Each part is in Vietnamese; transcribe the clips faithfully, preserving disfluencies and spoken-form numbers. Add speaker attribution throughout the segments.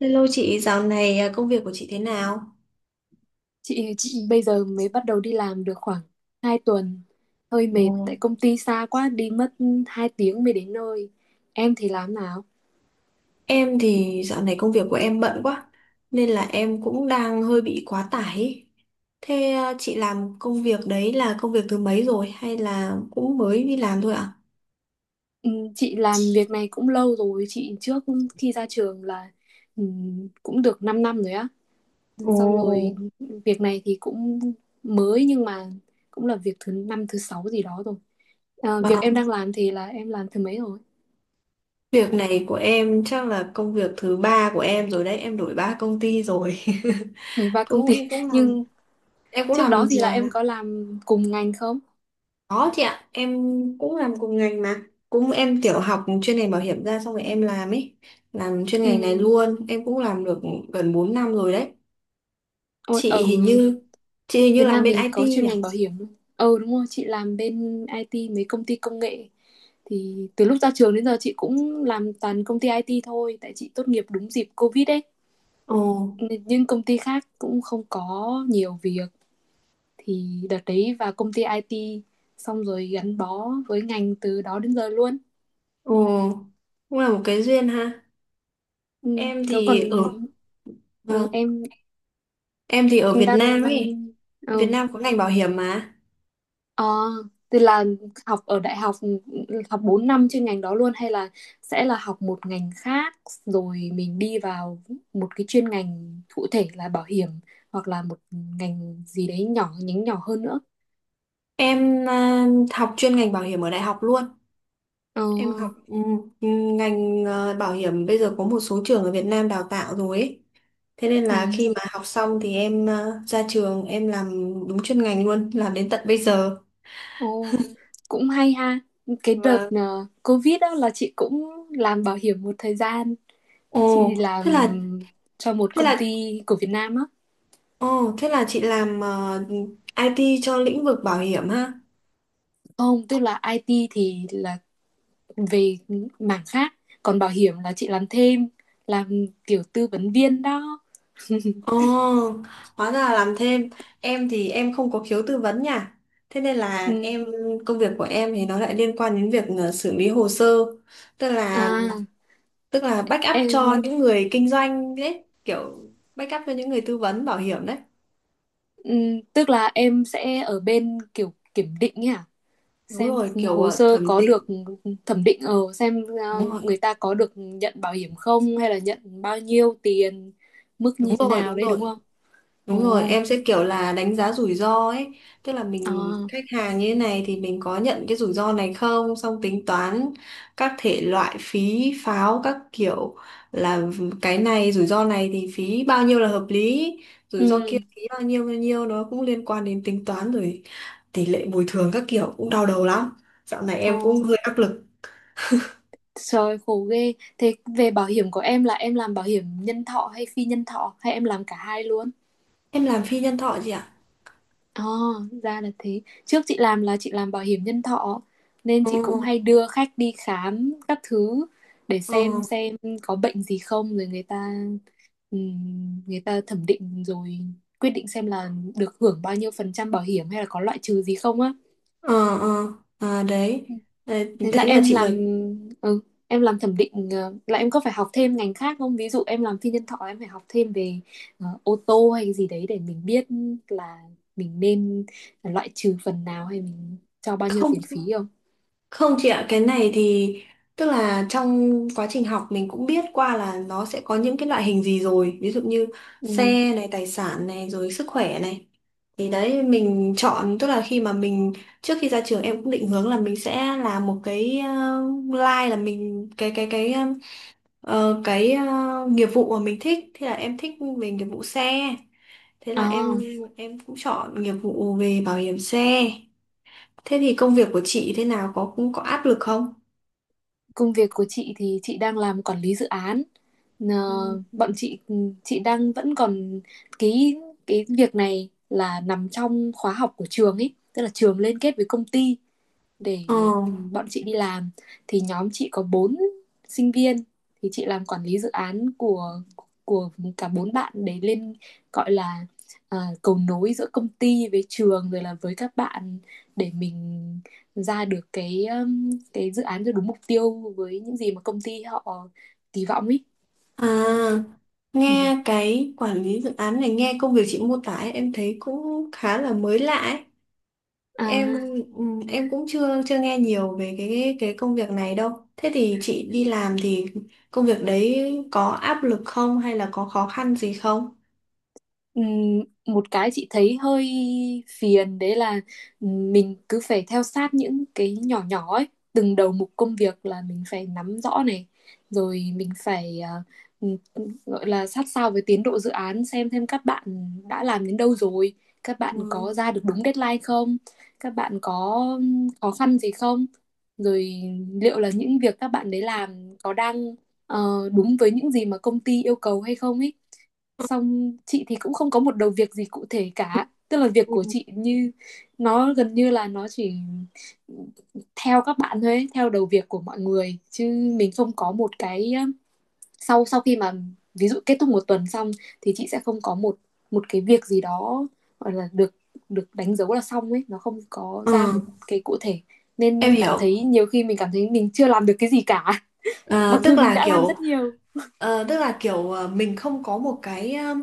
Speaker 1: Hello chị, dạo này à, công việc của chị thế nào?
Speaker 2: Chị bây giờ mới bắt đầu đi làm được khoảng hai tuần. Hơi mệt
Speaker 1: Ừ.
Speaker 2: tại công ty xa quá, đi mất hai tiếng mới đến nơi. Em thì làm nào?
Speaker 1: Em thì dạo này công việc của em bận quá, nên là em cũng đang hơi bị quá tải. Ý. Thế à, chị làm công việc đấy là công việc thứ mấy rồi hay là cũng mới đi làm thôi ạ?
Speaker 2: Ừ, Chị làm việc này cũng lâu rồi. Chị trước khi ra trường là ừ, cũng được 5 năm rồi á. Xong
Speaker 1: Ồ.
Speaker 2: rồi, việc này thì cũng mới nhưng mà cũng là việc thứ năm thứ sáu gì đó rồi. Ờ,
Speaker 1: Ờ,
Speaker 2: việc em đang làm thì là em làm thứ mấy rồi?
Speaker 1: Việc này của em chắc là công việc thứ ba của em rồi đấy, em đổi ba công ty rồi.
Speaker 2: mười ba công
Speaker 1: Cũng
Speaker 2: ty.
Speaker 1: em cũng làm
Speaker 2: Nhưng
Speaker 1: em cũng
Speaker 2: trước đó
Speaker 1: làm
Speaker 2: thì là em có làm cùng ngành không?
Speaker 1: Có chị ạ, em cũng làm cùng ngành mà. Cũng em tiểu học chuyên ngành bảo hiểm ra xong rồi em làm ấy. Làm chuyên ngành này
Speaker 2: Ừ.
Speaker 1: luôn, em cũng làm được gần bốn năm rồi đấy.
Speaker 2: Ôi,
Speaker 1: Chị
Speaker 2: ở
Speaker 1: hình như chị hình như
Speaker 2: Việt
Speaker 1: làm
Speaker 2: Nam
Speaker 1: bên
Speaker 2: mình
Speaker 1: i tê
Speaker 2: có chuyên
Speaker 1: nhỉ?
Speaker 2: ngành bảo hiểm luôn. Ừ, đúng rồi, chị làm bên i tê mấy công ty công nghệ, thì từ lúc ra trường đến giờ chị cũng làm toàn công ty ai ti thôi, tại chị tốt nghiệp đúng dịp Covid ấy.
Speaker 1: Ồ,
Speaker 2: Nên Nhưng công ty khác cũng không có nhiều việc, thì đợt đấy vào công ty i tê, xong rồi gắn bó với ngành từ đó đến giờ luôn.
Speaker 1: ồ, cũng là một cái duyên ha.
Speaker 2: Ừ,
Speaker 1: Em
Speaker 2: có còn
Speaker 1: thì ở
Speaker 2: ừ,
Speaker 1: vâng,
Speaker 2: em
Speaker 1: em thì ở
Speaker 2: em
Speaker 1: Việt
Speaker 2: đang
Speaker 1: Nam ấy. Việt
Speaker 2: ừ,
Speaker 1: Nam có ngành bảo hiểm mà.
Speaker 2: Ờ, thì là học ở đại học, ừ, học bốn năm chuyên ngành đó luôn, hay là sẽ là học một ngành khác rồi mình đi vào một cái chuyên ngành cụ thể là bảo hiểm, hoặc là một ngành gì đấy nhỏ, nhánh nhỏ hơn nữa.
Speaker 1: Em à, học chuyên ngành bảo hiểm ở đại học luôn.
Speaker 2: Ờ,
Speaker 1: Em học, ừ, ngành, ờ, bảo hiểm bây giờ có một số trường ở Việt Nam đào tạo rồi ấy. Thế nên là khi
Speaker 2: ừ,
Speaker 1: mà học xong thì em, ờ, ra trường em làm đúng chuyên ngành luôn, làm đến tận bây giờ.
Speaker 2: ồ, cũng hay ha. Cái đợt
Speaker 1: Vâng.
Speaker 2: ờ, Covid đó là chị cũng làm bảo hiểm một thời gian.
Speaker 1: Ồ,
Speaker 2: Chị làm
Speaker 1: thế là
Speaker 2: cho một
Speaker 1: thế
Speaker 2: công
Speaker 1: là
Speaker 2: ty của Việt Nam á.
Speaker 1: ồ, thế là chị làm, ờ, i tê cho lĩnh vực bảo hiểm ha.
Speaker 2: Không, tức là i tê thì là về mảng khác, còn bảo hiểm là chị làm thêm, làm kiểu tư vấn viên đó
Speaker 1: Ồ, hóa ra là làm thêm. Em thì em không có khiếu tư vấn nha. Thế nên là
Speaker 2: ừ.
Speaker 1: em công việc của em thì nó lại liên quan đến việc, ờ, xử lý hồ sơ. Tức là
Speaker 2: à
Speaker 1: tức là backup cho
Speaker 2: em
Speaker 1: những người kinh doanh đấy, kiểu backup cho những người tư vấn bảo hiểm đấy.
Speaker 2: ừ, tức là em sẽ ở bên kiểu kiểm định ấy à,
Speaker 1: Đúng
Speaker 2: xem
Speaker 1: rồi, kiểu
Speaker 2: hồ
Speaker 1: ờ,
Speaker 2: sơ
Speaker 1: thẩm
Speaker 2: có được
Speaker 1: định.
Speaker 2: thẩm định, ở xem
Speaker 1: Đúng
Speaker 2: uh,
Speaker 1: rồi,
Speaker 2: người ta có được nhận bảo hiểm không, hay là nhận bao nhiêu tiền, mức như
Speaker 1: đúng
Speaker 2: thế
Speaker 1: rồi.
Speaker 2: nào
Speaker 1: Đúng
Speaker 2: đấy, đúng
Speaker 1: rồi,
Speaker 2: không? Ồ,
Speaker 1: đúng rồi em sẽ kiểu là đánh giá rủi ro ấy, tức là mình
Speaker 2: à,
Speaker 1: khách hàng như thế này thì mình có nhận cái rủi ro này không, xong tính toán các thể loại phí pháo các kiểu, là cái này rủi ro này thì phí bao nhiêu là hợp lý, rủi ro kia
Speaker 2: ừ,
Speaker 1: phí bao nhiêu bao nhiêu, nó cũng liên quan đến tính toán rồi tỷ lệ bồi thường các kiểu, cũng đau đầu lắm. Dạo này
Speaker 2: ồ,
Speaker 1: em cũng hơi áp lực.
Speaker 2: trời khổ ghê. Thế, về bảo hiểm của em, là em làm bảo hiểm nhân thọ hay phi nhân thọ, hay em làm cả hai luôn?
Speaker 1: Em làm phi nhân thọ chị ạ.
Speaker 2: Ờ, ra là thế. Trước chị làm là chị làm bảo hiểm nhân thọ, nên
Speaker 1: Ừ,
Speaker 2: chị cũng hay đưa khách đi khám các thứ để xem
Speaker 1: ừ,
Speaker 2: xem có bệnh gì không, rồi người ta ừm, người ta thẩm định rồi quyết định xem là được hưởng bao nhiêu phần trăm bảo hiểm, hay là có loại trừ gì không á.
Speaker 1: ờ, ờ. À, đấy. Đấy,
Speaker 2: Thế là
Speaker 1: thế là
Speaker 2: em
Speaker 1: chị là.
Speaker 2: làm ừ, em làm thẩm định, ờ, là em có phải học thêm ngành khác không? Ví dụ em làm phi nhân thọ, em phải học thêm về ờ, ô tô hay gì đấy để mình biết là mình nên loại trừ phần nào, hay mình cho bao nhiêu
Speaker 1: Không,
Speaker 2: tiền phí không
Speaker 1: không chị ạ, cái này thì tức là trong quá trình học mình cũng biết qua là nó sẽ có những cái loại hình gì rồi, ví dụ như
Speaker 2: ừ.
Speaker 1: xe này, tài sản này, rồi sức khỏe này, thì đấy mình chọn, tức là khi mà mình trước khi ra trường em cũng định hướng là mình sẽ làm một cái, uh, line là mình cái cái cái Ờ, cái ờ, nghiệp vụ mà mình thích, thì là em thích về nghiệp vụ xe, thế là
Speaker 2: À,
Speaker 1: em em cũng chọn nghiệp vụ về bảo hiểm xe. Thế thì công việc của chị thế nào, có cũng có áp lực không?
Speaker 2: công việc của chị thì chị đang làm quản lý dự án. Ờ,
Speaker 1: Ừ.
Speaker 2: bọn chị, ừ, chị đang vẫn còn cái cái việc này, là nằm trong khóa học của trường ấy, tức là trường liên kết với công ty để
Speaker 1: ờ
Speaker 2: ừ, bọn chị đi làm, thì nhóm chị có bốn sinh viên, thì chị làm quản lý dự án của của cả bốn bạn, để lên gọi là à, cầu nối giữa công ty với trường, rồi là với các bạn, để mình ra được cái um, cái dự án cho đúng mục tiêu với những gì mà công ty họ kỳ vọng ấy.
Speaker 1: à
Speaker 2: Ừ.
Speaker 1: nghe cái quản lý dự án này, nghe công việc chị mô tả ấy, em thấy cũng khá là mới lạ ấy.
Speaker 2: À,
Speaker 1: Em, ừ, em cũng chưa chưa nghe nhiều về cái cái công việc này đâu. Thế thì chị đi làm thì công việc đấy có áp lực không hay là có khó khăn gì không?
Speaker 2: Ừm, một cái chị thấy hơi phiền đấy là, mình cứ phải theo sát những cái nhỏ nhỏ ấy, từng đầu mục công việc là mình phải nắm rõ này, rồi mình phải à, ừm, gọi là sát sao với tiến độ dự án, xem thêm các bạn đã làm đến đâu rồi, các bạn
Speaker 1: Ừ.
Speaker 2: có ra được đúng deadline không, các bạn có khó khăn gì không, rồi liệu là những việc các bạn đấy làm có đang ờ, đúng với những gì mà công ty yêu cầu hay không ấy. Xong chị thì cũng không có một đầu việc gì cụ thể cả, tức là việc
Speaker 1: Ừ,
Speaker 2: của chị, như nó gần như là nó chỉ theo các bạn thôi ấy, theo đầu việc của mọi người, chứ mình không có một cái, um, sau sau khi mà ví dụ kết thúc một tuần xong, thì chị sẽ không có một một cái việc gì đó gọi là được, được đánh dấu là xong ấy, nó không có ra một
Speaker 1: ừ,
Speaker 2: cái cụ thể, nên
Speaker 1: em
Speaker 2: cảm
Speaker 1: hiểu.
Speaker 2: thấy, nhiều khi mình cảm thấy mình chưa làm được cái gì cả,
Speaker 1: À,
Speaker 2: mặc dù
Speaker 1: tức
Speaker 2: mình
Speaker 1: là
Speaker 2: đã làm
Speaker 1: kiểu
Speaker 2: rất nhiều.
Speaker 1: ờ, tức là kiểu ờ, mình không có một cái, ờ,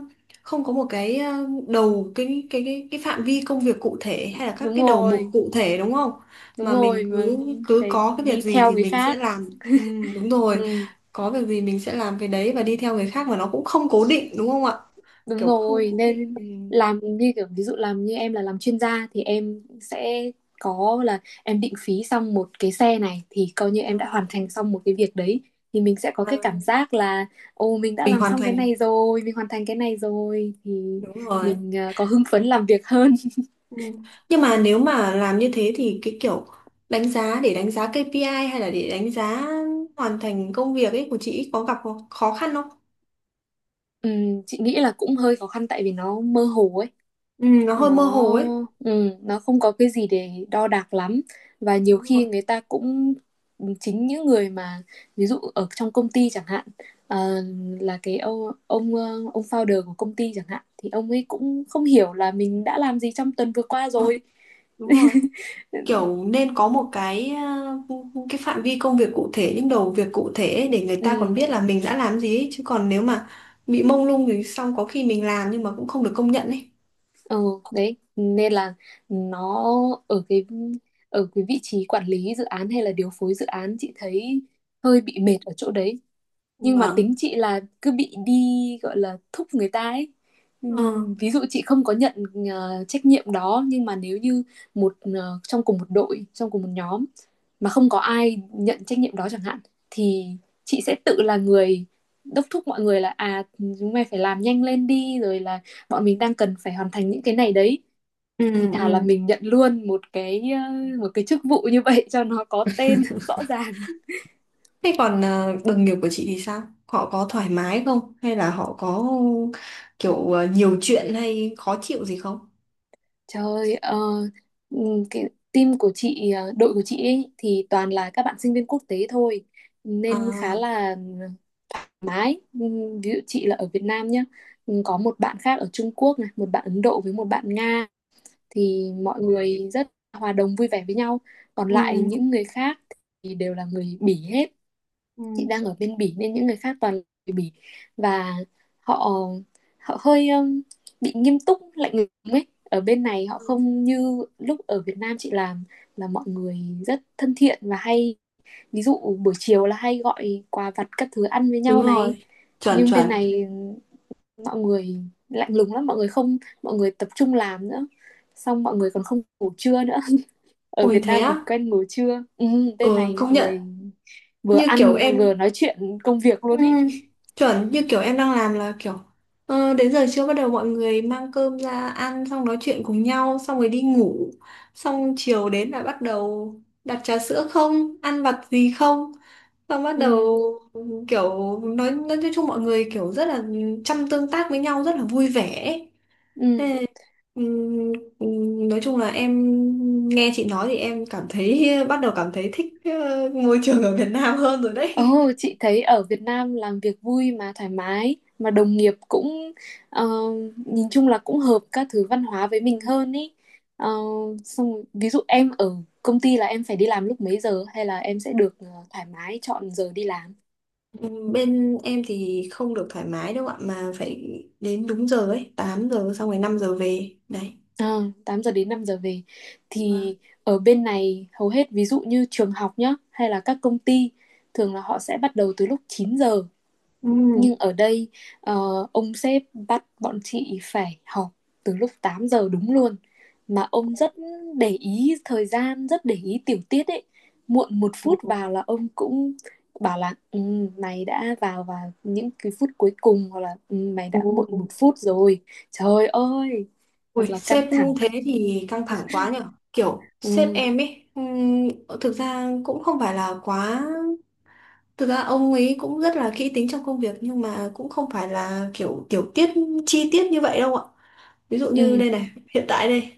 Speaker 1: không có một cái ờ, đầu cái cái cái cái phạm vi công việc cụ thể hay là các
Speaker 2: Đúng
Speaker 1: cái đầu mục
Speaker 2: rồi,
Speaker 1: cụ thể đúng không?
Speaker 2: đúng
Speaker 1: Mà mình
Speaker 2: rồi, mà
Speaker 1: cứ cứ
Speaker 2: phải
Speaker 1: có cái việc
Speaker 2: đi
Speaker 1: gì
Speaker 2: theo
Speaker 1: thì
Speaker 2: người
Speaker 1: mình sẽ
Speaker 2: khác.
Speaker 1: làm. Ừ, đúng rồi,
Speaker 2: ừ,
Speaker 1: có việc gì mình sẽ làm cái đấy và đi theo người khác, mà nó cũng không cố định đúng không ạ?
Speaker 2: đúng
Speaker 1: Kiểu không
Speaker 2: rồi,
Speaker 1: cố định.
Speaker 2: nên
Speaker 1: Ừ.
Speaker 2: làm như kiểu, ví dụ làm như em là làm chuyên gia, thì em sẽ có là em định phí xong một cái xe này, thì coi như em đã
Speaker 1: Ừ.
Speaker 2: hoàn thành xong một cái việc đấy, thì mình sẽ có cái
Speaker 1: Và.
Speaker 2: cảm giác là, ồ, mình đã
Speaker 1: Mình
Speaker 2: làm
Speaker 1: hoàn
Speaker 2: xong cái
Speaker 1: thành.
Speaker 2: này rồi, mình hoàn thành cái này rồi, thì
Speaker 1: Đúng rồi.
Speaker 2: mình ờ, có hưng phấn làm việc hơn.
Speaker 1: Ừ. Nhưng mà nếu mà làm như thế thì cái kiểu đánh giá, để đánh giá kây pi ai hay là để đánh giá hoàn thành công việc ấy của chị, có gặp khó khó khăn không?
Speaker 2: ừ, chị nghĩ là cũng hơi khó khăn, tại vì nó mơ hồ ấy,
Speaker 1: Ừ, nó hơi mơ
Speaker 2: nó
Speaker 1: hồ ấy.
Speaker 2: ừ, nó không có cái gì để đo đạc lắm, và nhiều
Speaker 1: Đúng rồi.
Speaker 2: khi người ta cũng, chính những người mà ví dụ ở trong công ty chẳng hạn, ờ, là cái ông ông ờ, ông founder của công ty chẳng hạn, thì ông ấy cũng không hiểu là mình đã làm gì trong tuần vừa qua
Speaker 1: Đúng rồi.
Speaker 2: rồi.
Speaker 1: Đúng rồi. Kiểu nên có một cái ờ, cái phạm vi công việc cụ thể, những đầu việc cụ thể ấy, để người ta còn
Speaker 2: Ừ,
Speaker 1: biết là mình đã làm gì ấy. Chứ còn nếu mà bị mông lung thì xong có khi mình làm nhưng mà cũng không được công nhận ấy.
Speaker 2: ừ, đấy nên là nó ở cái, ở cái vị trí quản lý dự án hay là điều phối dự án, chị thấy hơi bị mệt ở chỗ đấy, nhưng mà
Speaker 1: Vâng.
Speaker 2: tính chị là cứ bị đi gọi là thúc người ta ấy.
Speaker 1: Ờ.
Speaker 2: Ừm, ví dụ chị không có nhận ờ, trách nhiệm đó, nhưng mà nếu như một ờ, trong cùng một đội, trong cùng một nhóm mà không có ai nhận trách nhiệm đó chẳng hạn, thì chị sẽ tự là người đốc thúc mọi người là, à chúng mày phải làm nhanh lên đi, rồi là bọn mình đang cần phải hoàn thành những cái này đấy,
Speaker 1: Ừ.
Speaker 2: thì thà là
Speaker 1: Ừ.
Speaker 2: mình nhận luôn một cái, ờ, một cái chức vụ như vậy cho nó có tên rõ ràng.
Speaker 1: Thế còn, ờ, đồng nghiệp của chị thì sao? Họ có thoải mái không? Hay là họ có kiểu, ờ, nhiều chuyện hay khó chịu gì không?
Speaker 2: Trời ơi, ờ, ừm, cái team của chị, ờ, đội của chị ấy, thì toàn là các bạn sinh viên quốc tế thôi,
Speaker 1: À.
Speaker 2: nên khá là ừ, mái. Ừm, Ví dụ chị là ở Việt Nam nhá, ừm, có một bạn khác ở Trung Quốc này, một bạn Ấn Độ với một bạn Nga, thì mọi người rất hòa đồng vui vẻ với nhau. Còn lại
Speaker 1: Ừ.
Speaker 2: những người khác thì đều là người Bỉ hết,
Speaker 1: Ừ.
Speaker 2: chị đang ở bên Bỉ nên những người khác toàn là người Bỉ, và họ họ hơi um, bị nghiêm túc lạnh lùng ấy, ở bên này họ không như lúc ở Việt Nam chị làm, là mọi người rất thân thiện, và hay ví dụ buổi chiều là hay gọi quà vặt các thứ ăn với
Speaker 1: Đúng
Speaker 2: nhau này,
Speaker 1: rồi. Chuẩn,
Speaker 2: nhưng bên
Speaker 1: chuẩn.
Speaker 2: này mọi người lạnh lùng lắm, mọi người không mọi người tập trung làm nữa, xong mọi người còn không ngủ trưa nữa, ở
Speaker 1: Ôi
Speaker 2: Việt
Speaker 1: thế
Speaker 2: Nam mình
Speaker 1: á?
Speaker 2: quen ngồi trưa. Ừ, bên
Speaker 1: Ừ,
Speaker 2: này
Speaker 1: công
Speaker 2: mọi
Speaker 1: nhận.
Speaker 2: người vừa
Speaker 1: Như kiểu
Speaker 2: ăn vừa
Speaker 1: em
Speaker 2: nói chuyện công việc
Speaker 1: Ừ,
Speaker 2: luôn ý.
Speaker 1: chuẩn như kiểu em đang làm là kiểu, ờ, đến giờ trưa bắt đầu mọi người mang cơm ra ăn xong nói chuyện cùng nhau xong rồi đi ngủ, xong chiều đến là bắt đầu đặt trà sữa không, ăn vặt gì không, xong bắt
Speaker 2: Ừ,
Speaker 1: đầu, kiểu nói nói chung mọi người kiểu rất là chăm tương tác với nhau, rất là vui vẻ ấy.
Speaker 2: ừ,
Speaker 1: Ừm, ừm, nói chung là em nghe chị nói thì em cảm thấy bắt đầu cảm thấy thích, ờ, môi trường ở Việt Nam hơn rồi đấy.
Speaker 2: ồ, chị thấy ở Việt Nam làm việc vui mà thoải mái, mà đồng nghiệp cũng ờ, nhìn chung là cũng hợp các thứ văn hóa với mình hơn ý. Ờ, xong rồi, ví dụ em ở công ty là em phải đi làm lúc mấy giờ, hay là em sẽ được ờ, thoải mái chọn giờ đi làm?
Speaker 1: Ừm, Bên em thì không được thoải mái đâu ạ, mà phải đến đúng giờ ấy, tám giờ xong rồi năm giờ về. Đấy.
Speaker 2: Ờ, 8 giờ đến năm giờ về,
Speaker 1: Vâng.
Speaker 2: thì ở bên này hầu hết ví dụ như trường học nhá, hay là các công ty thường là họ sẽ bắt đầu từ lúc chín giờ,
Speaker 1: Ừ.
Speaker 2: nhưng ở đây ờ, ông sếp bắt bọn chị phải họp từ lúc tám giờ đúng luôn, mà ông rất để ý thời gian, rất để ý tiểu tiết ấy, muộn một
Speaker 1: Ừ.
Speaker 2: phút vào là ông cũng bảo là ừ, mày đã vào vào những cái phút cuối cùng, hoặc là ừ, mày
Speaker 1: Ừ.
Speaker 2: đã muộn một phút rồi. Trời ơi, thật
Speaker 1: Ui,
Speaker 2: là
Speaker 1: sếp
Speaker 2: căng thẳng.
Speaker 1: thế thì căng thẳng quá nhở. Kiểu sếp
Speaker 2: Ừ,
Speaker 1: em ấy, ừm, thực ra cũng không phải là quá. Thực ra ông ấy cũng rất là kỹ tính trong công việc, nhưng mà cũng không phải là kiểu tiểu tiết chi tiết như vậy đâu ạ. Ví dụ như
Speaker 2: ừ,
Speaker 1: đây này, hiện tại đây,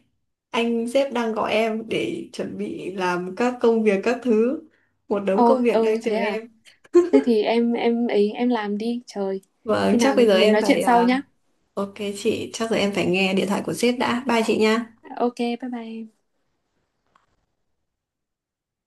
Speaker 1: anh sếp đang gọi em để chuẩn bị làm các công việc các thứ. Một đống
Speaker 2: ồ,
Speaker 1: công việc đang
Speaker 2: ừ,
Speaker 1: chờ
Speaker 2: thế à?
Speaker 1: em.
Speaker 2: Thế thì em em ấy em làm đi trời,
Speaker 1: Vâng,
Speaker 2: khi
Speaker 1: chắc
Speaker 2: nào
Speaker 1: bây giờ
Speaker 2: mình
Speaker 1: em
Speaker 2: nói chuyện
Speaker 1: phải.
Speaker 2: sau
Speaker 1: à,
Speaker 2: nhá.
Speaker 1: Ok chị, chắc giờ em phải nghe điện thoại của sếp đã. Bye chị nha.
Speaker 2: OK, bye bye.